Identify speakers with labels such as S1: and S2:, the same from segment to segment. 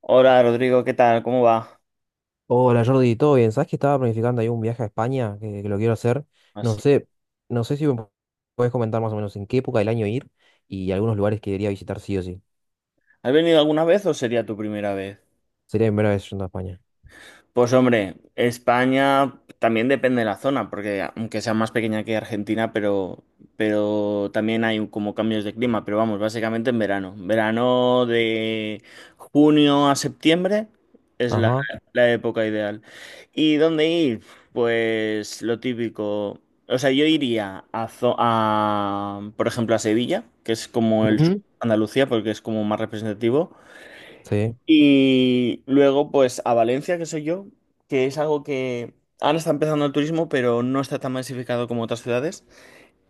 S1: Hola Rodrigo, ¿qué tal? ¿Cómo va?
S2: Hola Jordi, ¿todo bien? ¿Sabes que estaba planificando ahí un viaje a España que lo quiero hacer? No
S1: Así.
S2: sé, no sé si me puedes comentar más o menos en qué época del año ir y algunos lugares que debería visitar sí o sí.
S1: ¿Has venido alguna vez o sería tu primera vez?
S2: Sería mi primera vez yendo a España.
S1: Pues hombre, España también depende de la zona, porque aunque sea más pequeña que Argentina, pero también hay como cambios de clima, pero vamos, básicamente en verano. Verano de junio a septiembre es la,
S2: Ajá.
S1: la época ideal. ¿Y dónde ir? Pues lo típico. O sea, yo iría por ejemplo, a Sevilla, que es como el sur de
S2: Ujú.
S1: Andalucía, porque es como más representativo.
S2: Sí.
S1: Y luego, pues a Valencia, que soy yo, que es algo que ahora está empezando el turismo, pero no está tan masificado como otras ciudades.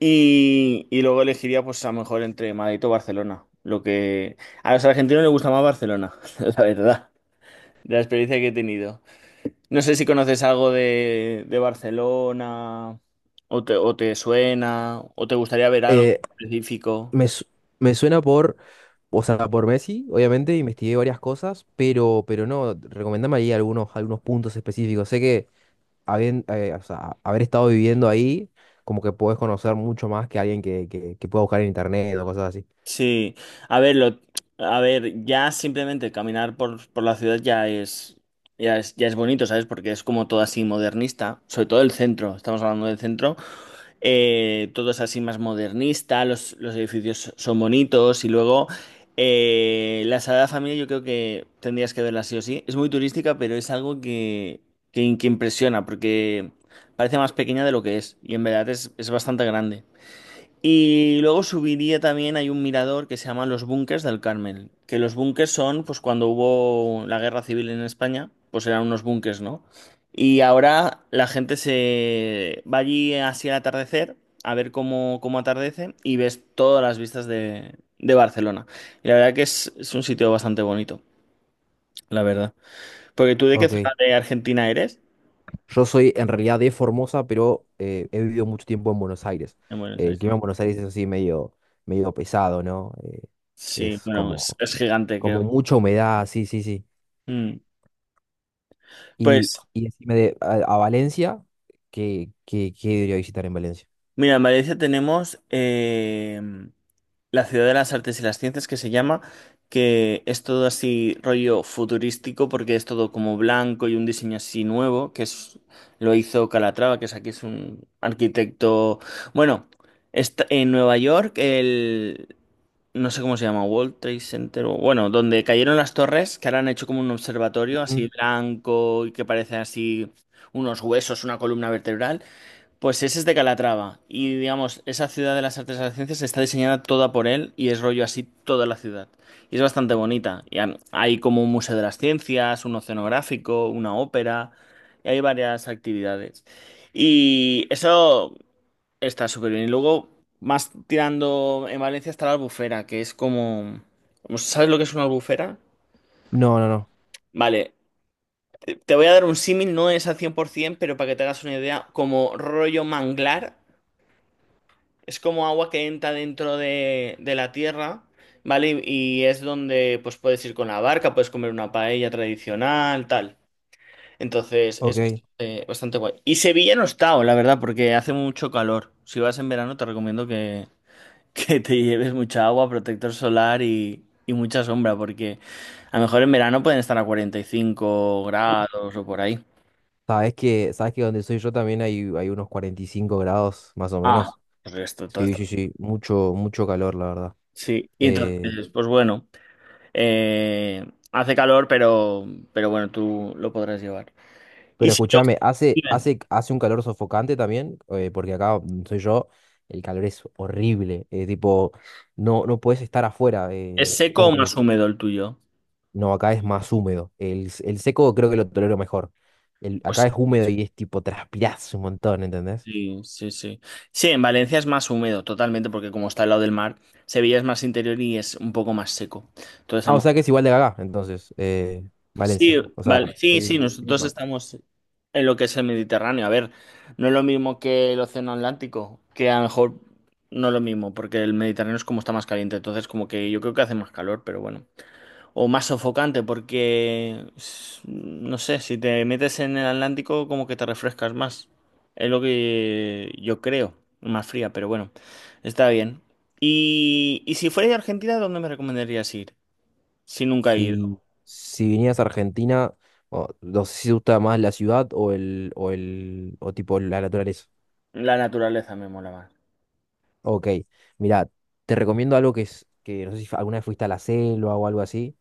S1: Y luego elegiría, pues a lo mejor entre Madrid o Barcelona. Lo que a los argentinos les gusta más Barcelona, la verdad, de la experiencia que he tenido. No sé si conoces algo de Barcelona, o o te suena, o te gustaría ver algo
S2: Eh,
S1: específico.
S2: me, su- Me suena por, o sea, por Messi, obviamente, investigué varias cosas, pero no, recomendame ahí algunos puntos específicos. Sé que habiendo, o sea, haber estado viviendo ahí, como que podés conocer mucho más que alguien que pueda buscar en internet o cosas así.
S1: Sí, a ver, lo, a ver, ya simplemente caminar por la ciudad ya es, ya es, ya es bonito, ¿sabes? Porque es como todo así modernista, sobre todo el centro, estamos hablando del centro, todo es así más modernista, los edificios son bonitos y luego la Sagrada Familia yo creo que tendrías que verla sí o sí. Es muy turística, pero es algo que impresiona porque parece más pequeña de lo que es y en verdad es bastante grande. Y luego subiría también, hay un mirador que se llama Los Búnkers del Carmel, que los búnkers son, pues cuando hubo la guerra civil en España, pues eran unos búnkers, ¿no? Y ahora la gente se va allí así al atardecer, a ver cómo, cómo atardece, y ves todas las vistas de Barcelona. Y la verdad que es un sitio bastante bonito, la verdad. ¿Porque tú de qué zona
S2: Ok.
S1: de Argentina eres?
S2: Yo soy en realidad de Formosa, pero he vivido mucho tiempo en Buenos Aires.
S1: En Buenos
S2: El
S1: Aires.
S2: clima en Buenos Aires es así medio pesado, ¿no?
S1: Sí,
S2: Es
S1: bueno,
S2: como,
S1: es gigante, creo.
S2: como mucha humedad, sí, sí, sí.
S1: Mm.
S2: Y,
S1: Pues...
S2: y decime a Valencia, ¿qué debería visitar en Valencia?
S1: Mira, en Valencia tenemos la Ciudad de las Artes y las Ciencias que se llama, que es todo así rollo futurístico porque es todo como blanco y un diseño así nuevo, que es, lo hizo Calatrava, que es aquí es un arquitecto, bueno, está en Nueva York, el, no sé cómo se llama, World Trade Center, o- bueno, donde cayeron las torres, que ahora han hecho como un observatorio así
S2: Ujú.
S1: blanco y que parece así unos huesos, una columna vertebral. Pues ese es de Calatrava y digamos, esa ciudad de las artes y las ciencias está diseñada toda por él y es rollo así toda la ciudad. Y es bastante bonita. Y han- hay como un museo de las ciencias, un oceanográfico, una ópera, y hay varias actividades. Y eso está súper bien. Y luego, más tirando en Valencia está la Albufera, que es como... como- ¿Sabes lo que es una albufera?
S2: No, no, no.
S1: Vale, te voy a dar un símil, no es al 100%, pero para que te hagas una idea, como rollo manglar. Es como agua que entra dentro de la tierra, ¿vale? Y es donde pues puedes ir con la barca, puedes comer una paella tradicional, tal. Entonces es
S2: Ok.
S1: bastante guay. Y Sevilla no está, la verdad, porque hace mucho calor. Si vas en verano te recomiendo que, que te lleves mucha agua, protector solar y mucha sombra, porque a lo mejor en verano pueden estar a 45 grados o por ahí.
S2: Sabes que donde soy yo también hay unos 45 grados, más o
S1: Ah.
S2: menos.
S1: Pues esto, todo
S2: Sí,
S1: esto.
S2: sí, sí. Mucho, mucho calor, la verdad.
S1: Sí, y
S2: Eh,
S1: entonces, pues bueno. Eh, hace calor, pero bueno, tú lo podrás llevar. Y
S2: Pero
S1: si lo-
S2: escúchame, hace,
S1: bien,
S2: hace, hace un calor sofocante también, porque acá donde soy yo, el calor es horrible. Tipo, no, no puedes estar afuera.
S1: ¿es seco o
S2: Como que
S1: más húmedo el tuyo?
S2: no, acá es más húmedo. El seco creo que lo tolero mejor.
S1: Pues
S2: Acá es húmedo y es tipo, transpirás un montón, ¿entendés?
S1: sí, sí, sí. Sí, en Valencia es más húmedo, totalmente, porque como está al lado del mar, Sevilla es más interior y es un poco más seco. Entonces, a
S2: Ah, o
S1: lo
S2: sea que
S1: mejor...
S2: es igual de acá, entonces,
S1: Sí,
S2: Valencia. O sea,
S1: vale. Sí, sí,
S2: el
S1: nosotros
S2: clima.
S1: estamos en lo que es el Mediterráneo. A ver, no es lo mismo que el Océano Atlántico, que a lo mejor no es lo mismo, porque el Mediterráneo es como está más caliente. Entonces, como que yo creo que hace más calor, pero bueno. O más sofocante, porque s- no sé, si te metes en el Atlántico, como que te refrescas más. Es lo que yo creo, más fría, pero bueno, está bien. Y si fuera de Argentina, ¿dónde me recomendarías ir? Si nunca he
S2: Si,
S1: ido.
S2: si vinieras a Argentina, o no sé si te gusta más la ciudad o tipo la naturaleza.
S1: La naturaleza me mola más.
S2: Ok, mira, te recomiendo algo que es, que no sé si alguna vez fuiste a la selva o algo así.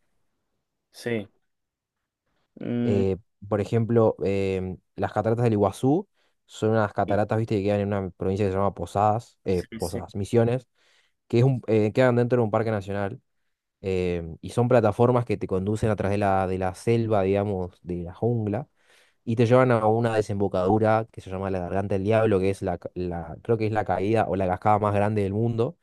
S1: Sí. Mm,
S2: Eh, por ejemplo, las cataratas del Iguazú son unas
S1: sí,
S2: cataratas, viste, que quedan en una provincia que se llama Posadas,
S1: sí, sí.
S2: Posadas, Misiones, que es un, quedan dentro de un parque nacional, y son plataformas que te conducen a través de la selva, digamos, de la jungla, y te llevan a una desembocadura que se llama la Garganta del Diablo, que es creo que es la caída o la cascada más grande del mundo.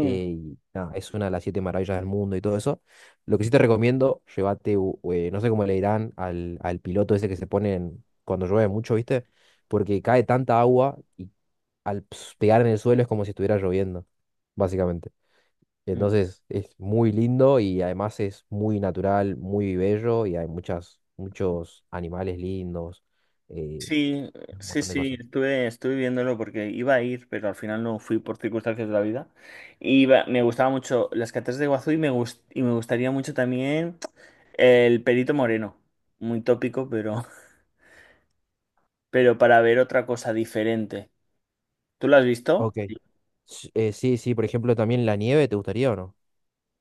S2: Y nada, es una de las siete maravillas del mundo y todo eso. Lo que sí te recomiendo, llévate, no sé cómo le dirán al piloto ese que se pone en- cuando llueve mucho, ¿viste? Porque cae tanta agua y al pegar en el suelo es como si estuviera lloviendo, básicamente.
S1: Mm.
S2: Entonces es muy lindo y además es muy natural, muy bello y hay muchos animales lindos, eh,
S1: Sí,
S2: un
S1: sí,
S2: montón de
S1: sí,
S2: cosas.
S1: estuve viéndolo porque iba a ir, pero al final no fui por circunstancias de la vida. Iba, me gustaba mucho las cataratas de Iguazú y y me gustaría mucho también el Perito Moreno. Muy tópico, pero, pero para ver otra cosa diferente. ¿Tú lo has visto?
S2: Ok. Sí, sí, por ejemplo, también la nieve, ¿te gustaría o no?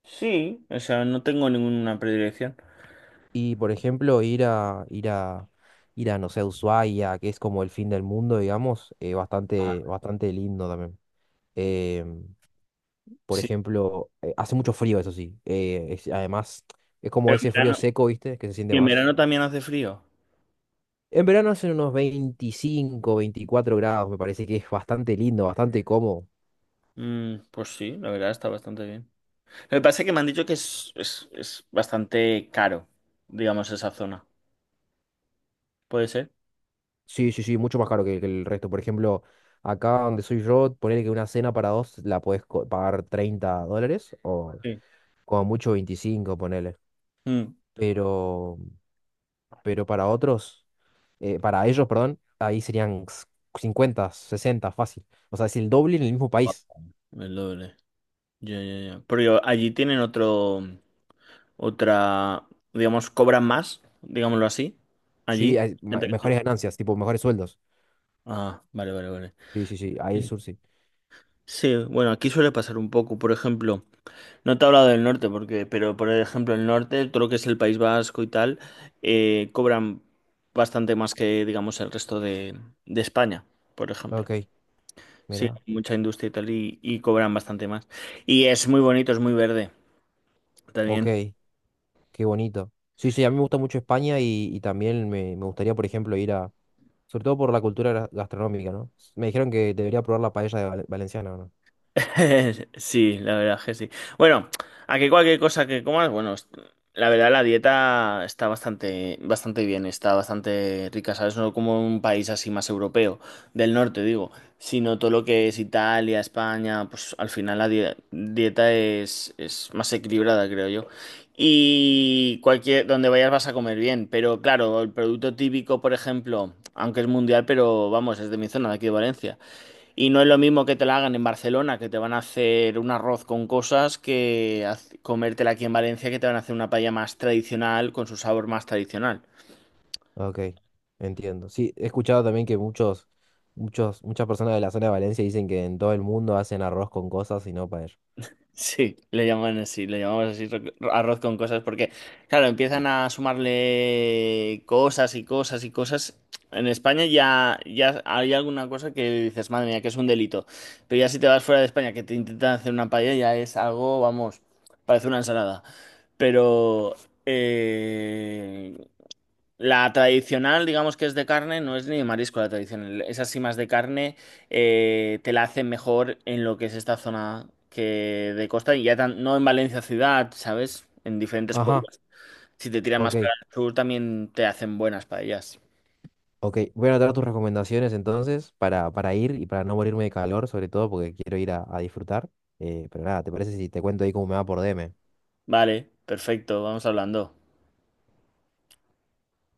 S1: Sí, o sea, no tengo ninguna predilección.
S2: Y por ejemplo, no sé, Ushuaia, que es como el fin del mundo, digamos,
S1: Ah,
S2: bastante, bastante lindo también. Em, por
S1: sí.
S2: ejemplo, hace mucho frío, eso sí. Además, es como
S1: Pero en
S2: ese frío
S1: verano,
S2: seco, ¿viste? Que se siente
S1: ¿y en
S2: más.
S1: verano también hace frío?
S2: En verano hacen unos 25, 24 grados, me parece que es bastante lindo, bastante cómodo.
S1: Mm, pues sí, la verdad está bastante bien. Me parece que me han dicho que es bastante caro, digamos, esa zona. ¿Puede ser?
S2: Sí, sí, sí, mucho más caro que el resto. Por ejemplo, acá donde soy yo, poner que una cena para dos la puedes pagar $30 o
S1: Sí.
S2: como mucho 25 ponele.
S1: Mm.
S2: pero, pero para otros, para ellos, perdón, ahí serían 50, 60, fácil. O sea, es el doble en el mismo
S1: Ah,
S2: país.
S1: el doble. Ya, ya, ya. Pero allí tienen otro, otra, digamos, cobran más, digámoslo así. Allí,
S2: Sí, hay
S1: gente que
S2: mejores
S1: trabaja.
S2: ganancias, tipo mejores sueldos.
S1: Ah, vale, vale, vale.
S2: Sí, sí, sí, ahí en
S1: Sí,
S2: sur sí.
S1: sí, bueno, aquí suele pasar un poco. Por ejemplo. No te he hablado del norte, porque, pero por ejemplo, el norte, todo lo que es el País Vasco y tal, cobran bastante más que, digamos, el resto de España, por ejemplo.
S2: Ok,
S1: Sí,
S2: mira,
S1: hay mucha industria y tal, y cobran bastante más. Y es muy bonito, es muy verde también.
S2: ok, qué bonito. Sí, sí, a mí me gusta mucho España y también me gustaría, por ejemplo, ir a, sobre todo por la cultura gastronómica, ¿no? Me dijeron que debería probar la paella de valenciana, ¿o ¿no?
S1: Sí, la verdad es que sí. Bueno, a que cualquier cosa que comas, bueno, es- la verdad la dieta está bastante, bastante bien, está bastante rica, ¿sabes? No como un país así más europeo, del norte digo, sino todo lo que es Italia, España, pues al final la die- dieta es más equilibrada, creo yo. Y cualquier, donde vayas vas a comer bien, pero claro, el producto típico, por ejemplo, aunque es mundial, pero vamos, es de mi zona, de aquí de Valencia. Y no es lo mismo que te la hagan en Barcelona, que te van a hacer un arroz con cosas, que haz- comértela aquí en Valencia, que te van a hacer una paella más tradicional, con su sabor más tradicional.
S2: Ok, entiendo. Sí, he escuchado también que muchas personas de la zona de Valencia dicen que en todo el mundo hacen arroz con cosas y no paella.
S1: Sí, le llaman así, le llamamos así ro- arroz con cosas, porque, claro, empiezan a sumarle cosas y cosas y cosas. En España ya, ya hay alguna cosa que dices, madre mía, que es un delito. Pero ya si te vas fuera de España, que te intentan hacer una paella, ya es algo, vamos, parece una ensalada. Pero... Eh, la tradicional, digamos que es de carne, no es ni de marisco la tradicional. Es así más de carne, te la hacen mejor en lo que es esta zona que de costa y ya tan- no en Valencia ciudad, ¿sabes? En diferentes
S2: Ajá,
S1: pueblos. Si te tiran más
S2: ok,
S1: para el sur, también te hacen buenas paellas.
S2: ok. Voy a anotar tus recomendaciones entonces para ir y para no morirme de calor, sobre todo porque quiero ir a disfrutar. Pero nada, ¿te parece si te cuento ahí cómo me va por DM?
S1: Vale, perfecto, vamos hablando.